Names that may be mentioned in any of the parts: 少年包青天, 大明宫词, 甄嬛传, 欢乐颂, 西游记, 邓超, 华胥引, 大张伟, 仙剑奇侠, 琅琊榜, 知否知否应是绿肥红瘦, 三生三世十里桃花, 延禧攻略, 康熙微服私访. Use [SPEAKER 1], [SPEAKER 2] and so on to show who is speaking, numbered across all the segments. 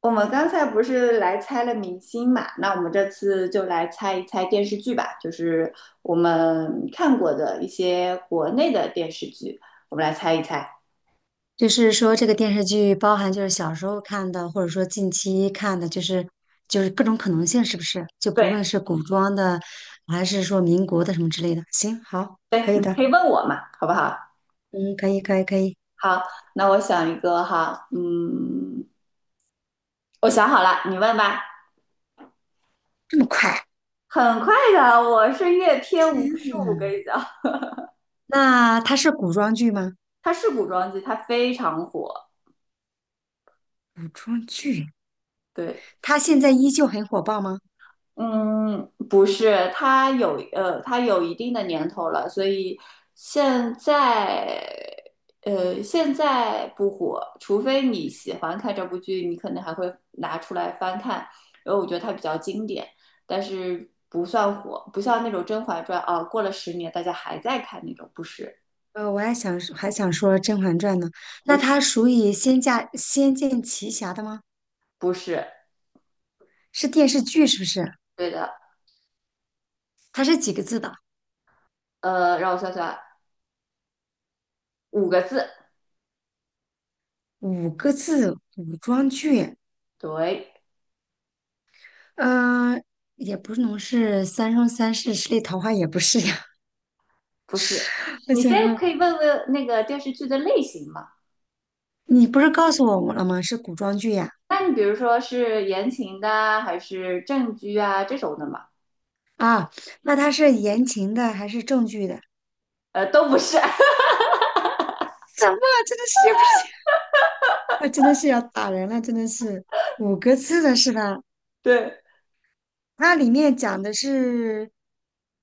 [SPEAKER 1] 我们刚才不是来猜了明星嘛，那我们这次就来猜一猜电视剧吧，我们看过的一些国内的电视剧，我们来猜一猜。
[SPEAKER 2] 就是说，这个电视剧包含就是小时候看的，或者说近期看的，就是各种可能性，是不是？就
[SPEAKER 1] 对，
[SPEAKER 2] 不论是古装的，还是说民国的什么之类的。行，好，
[SPEAKER 1] 对，
[SPEAKER 2] 可以
[SPEAKER 1] 你可
[SPEAKER 2] 的，
[SPEAKER 1] 以问我嘛，好不好？
[SPEAKER 2] 嗯，可以，可以，可以。
[SPEAKER 1] 好，那我想一个哈，嗯，我想好了，你问吧。
[SPEAKER 2] 这么快？
[SPEAKER 1] 很快的，我是阅片无数，我跟你讲，
[SPEAKER 2] 那它是古装剧吗？
[SPEAKER 1] 它是古装剧，它非常火。
[SPEAKER 2] 古装剧，
[SPEAKER 1] 对，
[SPEAKER 2] 它现在依旧很火爆吗？
[SPEAKER 1] 嗯，不是，它有它有一定的年头了，所以现在现在不火，除非你喜欢看这部剧，你可能还会拿出来翻看，因为我觉得它比较经典，但是不算火，不像那种《甄嬛传》啊，过了十年大家还在看那种，不是，
[SPEAKER 2] 我还想说《甄嬛传》呢。
[SPEAKER 1] 不
[SPEAKER 2] 那
[SPEAKER 1] 是，
[SPEAKER 2] 它属于仙家《仙剑奇侠》的吗？
[SPEAKER 1] 不是，
[SPEAKER 2] 是电视剧是不是？
[SPEAKER 1] 对的。
[SPEAKER 2] 它是几个字的？
[SPEAKER 1] 让我算算，五个字。
[SPEAKER 2] 五个字，古装剧。
[SPEAKER 1] 对，
[SPEAKER 2] 呃，也不能是三生三世十里桃花，也不是呀。
[SPEAKER 1] 不是，
[SPEAKER 2] 我
[SPEAKER 1] 你
[SPEAKER 2] 想
[SPEAKER 1] 先
[SPEAKER 2] 啊，
[SPEAKER 1] 可以问问那个电视剧的类型吗？
[SPEAKER 2] 你不是告诉我们了吗？是古装剧呀。
[SPEAKER 1] 那你比如说是言情的啊还是正剧啊这种的嘛？
[SPEAKER 2] 啊，那它是言情的还是正剧的？
[SPEAKER 1] 都不是。
[SPEAKER 2] 什么？真的是也不是，啊，真的是要打人了，真的是五个字的是吧？
[SPEAKER 1] 对，
[SPEAKER 2] 它里面讲的是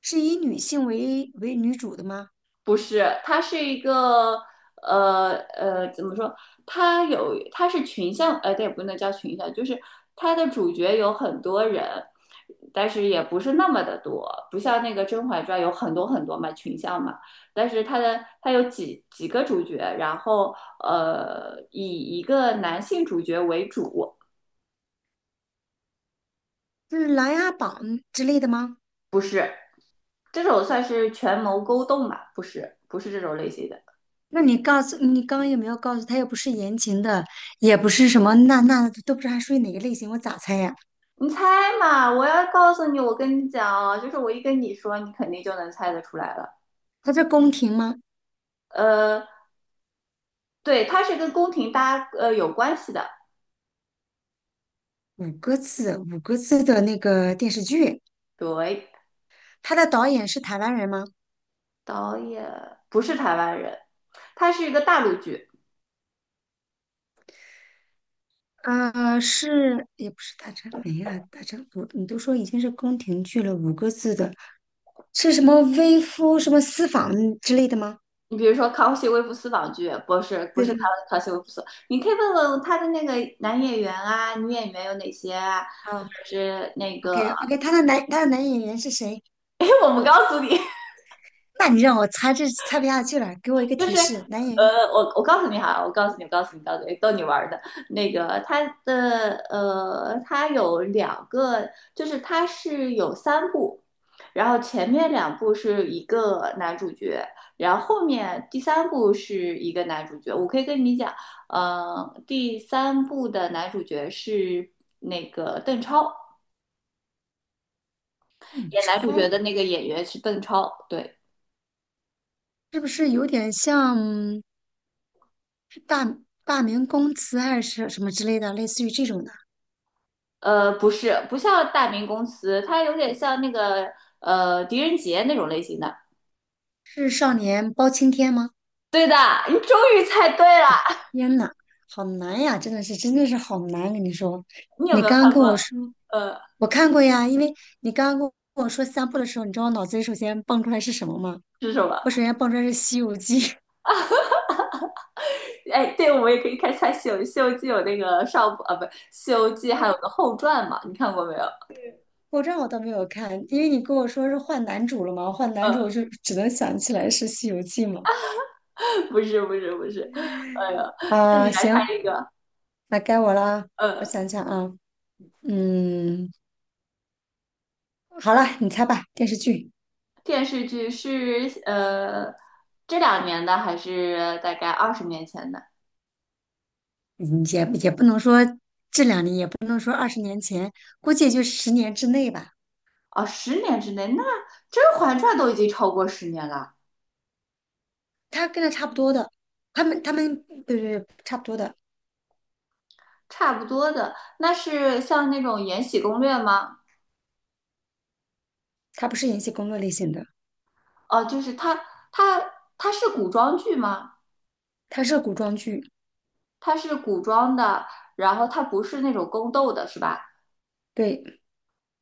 [SPEAKER 2] 是以女性为女主的吗？
[SPEAKER 1] 不是，它是一个怎么说？它是群像，对，不能叫群像，就是它的主角有很多人，但是也不是那么的多，不像那个《甄嬛传》有很多很多嘛群像嘛，但是它有几个主角，然后以一个男性主角为主。
[SPEAKER 2] 是《琅琊榜》之类的吗？
[SPEAKER 1] 这种算是权谋勾动吧？不是，不是这种类型的。
[SPEAKER 2] 那你告诉你刚刚有没有告诉他又不是言情的，也不是什么那都不知道它属于哪个类型，我咋猜呀？
[SPEAKER 1] 你猜嘛？我要告诉你，我跟你讲哦，就是我一跟你说，你肯定就能猜得出来了。
[SPEAKER 2] 他在宫廷吗？
[SPEAKER 1] 呃，对，他是跟宫廷有关系的。
[SPEAKER 2] 五个字的那个电视剧，
[SPEAKER 1] 对，
[SPEAKER 2] 他的导演是台湾人吗？
[SPEAKER 1] 导演不是台湾人，他是一个大陆剧。
[SPEAKER 2] 呃，是，也不是大张伟呀，大张，我你都说已经是宫廷剧了，五个字的是什么微夫什么私访之类的吗？
[SPEAKER 1] 你比如说《康熙微服私访》剧，不是
[SPEAKER 2] 对对对，
[SPEAKER 1] 康熙微服私，你可以问问他的那个男演员啊、女演员有哪些啊，或
[SPEAKER 2] 啊
[SPEAKER 1] 者是那个。
[SPEAKER 2] ，OK OK，他的男他的男演员是谁？
[SPEAKER 1] 哎，我不告诉你。
[SPEAKER 2] 那你让我猜这猜不下去了，给我一个
[SPEAKER 1] 就
[SPEAKER 2] 提
[SPEAKER 1] 是
[SPEAKER 2] 示，男演员
[SPEAKER 1] 呃，我我告诉你哈，我告诉你，逗你玩儿的。那个它的它有两个，就是它是有三部，然后前面两部是一个男主角，然后后面第三部是一个男主角。我可以跟你讲，第三部的男主角是那个邓超，
[SPEAKER 2] 邓
[SPEAKER 1] 演男主
[SPEAKER 2] 超
[SPEAKER 1] 角的那个演员是邓超，对。
[SPEAKER 2] 是不是有点像是大明宫词还是什么之类的，类似于这种的？
[SPEAKER 1] 不是，不像大明公司，它有点像那个狄仁杰那种类型的。
[SPEAKER 2] 是少年包青天吗？
[SPEAKER 1] 对的，你终于猜对了。
[SPEAKER 2] 天呐，好难呀！真的是，真的是好难。跟你说，
[SPEAKER 1] 你有
[SPEAKER 2] 你
[SPEAKER 1] 没有
[SPEAKER 2] 刚刚
[SPEAKER 1] 看
[SPEAKER 2] 跟
[SPEAKER 1] 过？
[SPEAKER 2] 我说，
[SPEAKER 1] 呃，
[SPEAKER 2] 我看过呀。因为你刚刚跟我说三部的时候，你知道我脑子里首先蹦出来是什么吗？
[SPEAKER 1] 是什么？
[SPEAKER 2] 我首先蹦出来是《西游记》，
[SPEAKER 1] 哎，对，我们也可以看一下西游记》有那个上部啊，不，《西游记》还有个后传嘛？你看过没有？
[SPEAKER 2] 我这我倒没有看，因为你跟我说是换男主了嘛，换男主我就只能想起来是《西游记》嘛。
[SPEAKER 1] 不是，不是，不是。哎呀，那你
[SPEAKER 2] 啊、
[SPEAKER 1] 来
[SPEAKER 2] 行，
[SPEAKER 1] 看一个。
[SPEAKER 2] 那该我了。我
[SPEAKER 1] 呃，
[SPEAKER 2] 想想啊，嗯，好了，你猜吧，电视剧，
[SPEAKER 1] 电视剧是这两年的，还是大概二十年前的？
[SPEAKER 2] 嗯也也不能说这两年也。不。年前，估计也就十年之内吧。
[SPEAKER 1] 哦，十年之内，那《甄嬛传》都已经超过十年了。
[SPEAKER 2] 他跟他差不多的，他们对对对，差不多的。
[SPEAKER 1] 差不多的。那是像那种《延禧攻略》吗？
[SPEAKER 2] 他不是演戏工作类型的，
[SPEAKER 1] 就是它，它，它是古装剧吗？
[SPEAKER 2] 他是古装剧，
[SPEAKER 1] 它是古装的，然后它不是那种宫斗的，是吧？
[SPEAKER 2] 对，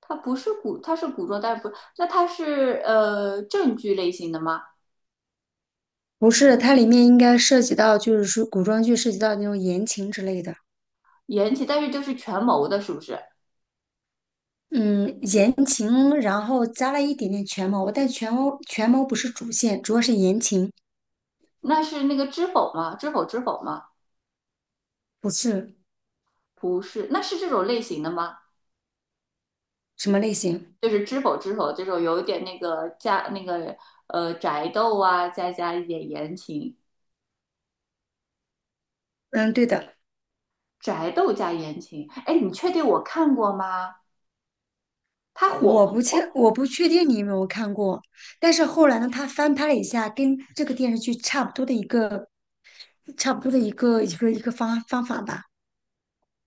[SPEAKER 1] 它不是古，它是古装，但是不，那它是正剧类型的吗？
[SPEAKER 2] 不是，它里面应该涉及到就是说古装剧涉及到那种言情之类的，
[SPEAKER 1] 延禧，但是就是权谋的，是不是？
[SPEAKER 2] 嗯，言情，然后加了一点点权谋，但权谋不是主线，主要是言情，
[SPEAKER 1] 那是那个知否吗？知否知否吗？
[SPEAKER 2] 不是
[SPEAKER 1] 不是，那是这种类型的吗？
[SPEAKER 2] 什么类型。
[SPEAKER 1] 就是知否知否这种有一点那个宅斗啊，再加一点言情，
[SPEAKER 2] 嗯，对的，
[SPEAKER 1] 宅斗加言情，哎，你确定我看过吗？它火不火？
[SPEAKER 2] 我不确定你有没有看过。但是后来呢，他翻拍了一下，跟这个电视剧差不多的一个差不多的一个一个方法吧。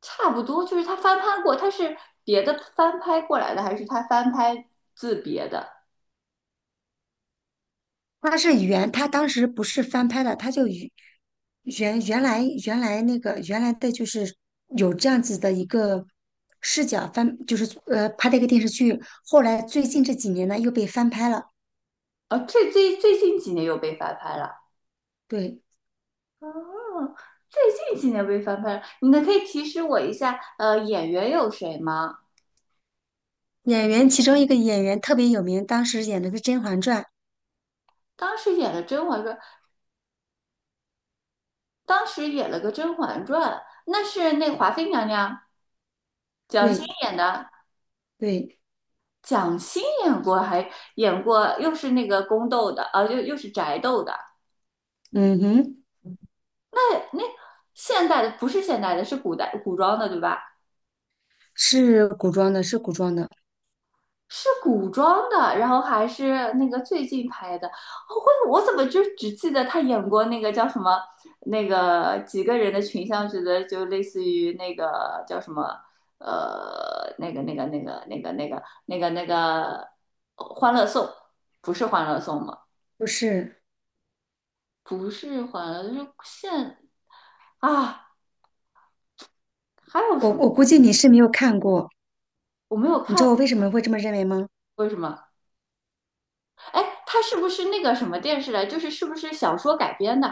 [SPEAKER 1] 差不多，就是它翻拍过，它是别的翻拍过来的，还是它翻拍自别的？
[SPEAKER 2] 它是原，它当时不是翻拍的，它就原原来那个原来的就是有这样子的一个视角翻，就是拍的一个电视剧。后来最近这几年呢又被翻拍了。
[SPEAKER 1] 啊，最近几年又被翻拍了。
[SPEAKER 2] 对，
[SPEAKER 1] 哦，最近几年被翻拍了，你能可以提示我一下，演员有谁吗？
[SPEAKER 2] 演员其中一个演员特别有名，当时演的是《甄嬛传》。
[SPEAKER 1] 当时演了《甄嬛传》，当时演了个《甄嬛传》，那是那华妃娘娘蒋欣
[SPEAKER 2] 对
[SPEAKER 1] 演的，
[SPEAKER 2] 对，
[SPEAKER 1] 蒋欣演过，还演过，又是那个宫斗的，啊，又是宅斗的。
[SPEAKER 2] 嗯哼，
[SPEAKER 1] 那那现代的不是现代的，是古代古装的，对吧？
[SPEAKER 2] 是古装的，是古装的，
[SPEAKER 1] 是古装的，然后还是那个最近拍的。哦我怎么就只记得他演过那个叫什么，那个几个人的群像剧的，就类似于那个叫什么，那个《欢乐颂》，不是《欢乐颂》吗？
[SPEAKER 2] 不是
[SPEAKER 1] 不是还了，就是现啊，还有什么？
[SPEAKER 2] 我估计你是没有看过。
[SPEAKER 1] 我没有
[SPEAKER 2] 你知
[SPEAKER 1] 看
[SPEAKER 2] 道我
[SPEAKER 1] 过
[SPEAKER 2] 为什么会这么认为吗？
[SPEAKER 1] 为什么？哎，它是不是那个什么电视来？就是是不是小说改编的？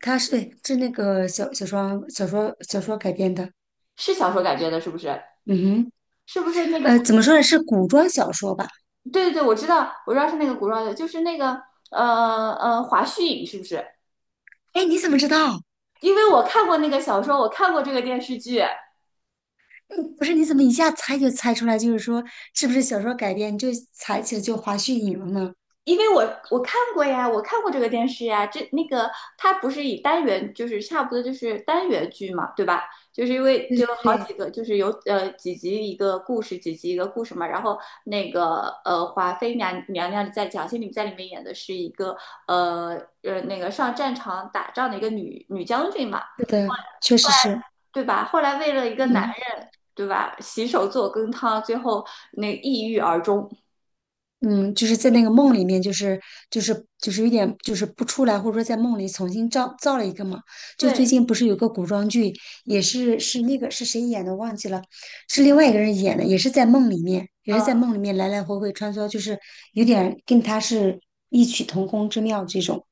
[SPEAKER 2] 他是对，是那个小说小说改编的。
[SPEAKER 1] 是小说改编的，是不是？
[SPEAKER 2] 嗯哼，
[SPEAKER 1] 是不是那个？
[SPEAKER 2] 呃，怎么说呢？是古装小说吧？
[SPEAKER 1] 对对对，我知道，我知道是那个古装的，就是那个华胥引，是不是？
[SPEAKER 2] 哎，你怎么知道？
[SPEAKER 1] 因为我看过那个小说，我看过这个电视剧。
[SPEAKER 2] 嗯不是，你怎么一下猜就猜出来？就是说，是不是小说改编？你就猜起来就华胥引了呢？
[SPEAKER 1] 因为我看过呀，我看过这个电视呀，这那个它不是以单元，就是差不多就是单元剧嘛，对吧？就是因为
[SPEAKER 2] 对
[SPEAKER 1] 就有
[SPEAKER 2] 对
[SPEAKER 1] 好几
[SPEAKER 2] 对，
[SPEAKER 1] 个，就是有几集一个故事，几集一个故事嘛。然后那个华妃娘娘在蒋欣里在里面演的是一个呃那个上战场打仗的一个女将军嘛，
[SPEAKER 2] 是的，确实是。
[SPEAKER 1] 对吧？后来为了一个男
[SPEAKER 2] 嗯。
[SPEAKER 1] 人，对吧？洗手做羹汤，最后那抑郁而终。
[SPEAKER 2] 嗯，就是在那个梦里面，就是就是有点就是不出来，或者说在梦里重新造了一个嘛。就
[SPEAKER 1] 对，
[SPEAKER 2] 最近不是有个古装剧，也是那个是谁演的忘记了，是另外一个人演的，也是在梦里面，也是
[SPEAKER 1] 嗯、
[SPEAKER 2] 在梦里面来来回回穿梭，就是有点跟他是异曲同工之妙这种。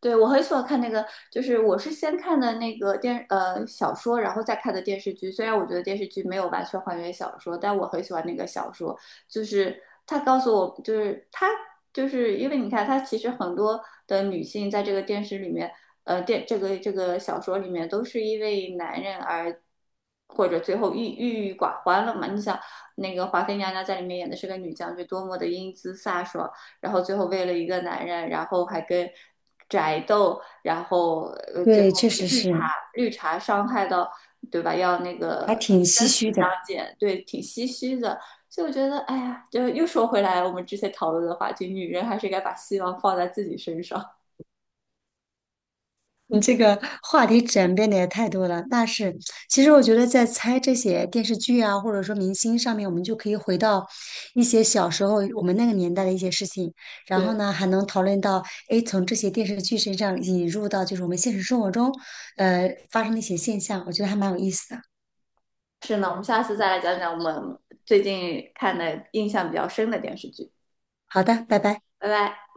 [SPEAKER 1] 对，我很喜欢看那个，就是我是先看的那个小说，然后再看的电视剧。虽然我觉得电视剧没有完全还原小说，但我很喜欢那个小说，就是他告诉我，就是他就是因为你看，他其实很多的女性在这个电视里面，呃电这个这个小说里面都是因为男人而。或者最后郁郁寡欢了嘛？你想，那个华妃娘娘在里面演的是个女将军，多么的英姿飒爽，然后最后为了一个男人，然后还跟宅斗，然后最后
[SPEAKER 2] 对，确实
[SPEAKER 1] 被绿茶
[SPEAKER 2] 是，
[SPEAKER 1] 伤害到，对吧？要那
[SPEAKER 2] 还
[SPEAKER 1] 个
[SPEAKER 2] 挺唏
[SPEAKER 1] 生
[SPEAKER 2] 嘘
[SPEAKER 1] 死相
[SPEAKER 2] 的。
[SPEAKER 1] 见，对，挺唏嘘的。所以我觉得，哎呀，就又说回来，我们之前讨论的话题，女人还是该把希望放在自己身上。
[SPEAKER 2] 你这个话题转变的也太多了，那是。其实我觉得，在猜这些电视剧啊，或者说明星上面，我们就可以回到一些小时候我们那个年代的一些事情，然后
[SPEAKER 1] 对，
[SPEAKER 2] 呢，还能讨论到，诶，从这些电视剧身上引入到就是我们现实生活中，呃，发生的一些现象，我觉得还蛮有意思的。
[SPEAKER 1] 是呢，我们下次再来讲讲我们最近看的印象比较深的电视剧。
[SPEAKER 2] 好的，拜拜。
[SPEAKER 1] 拜拜。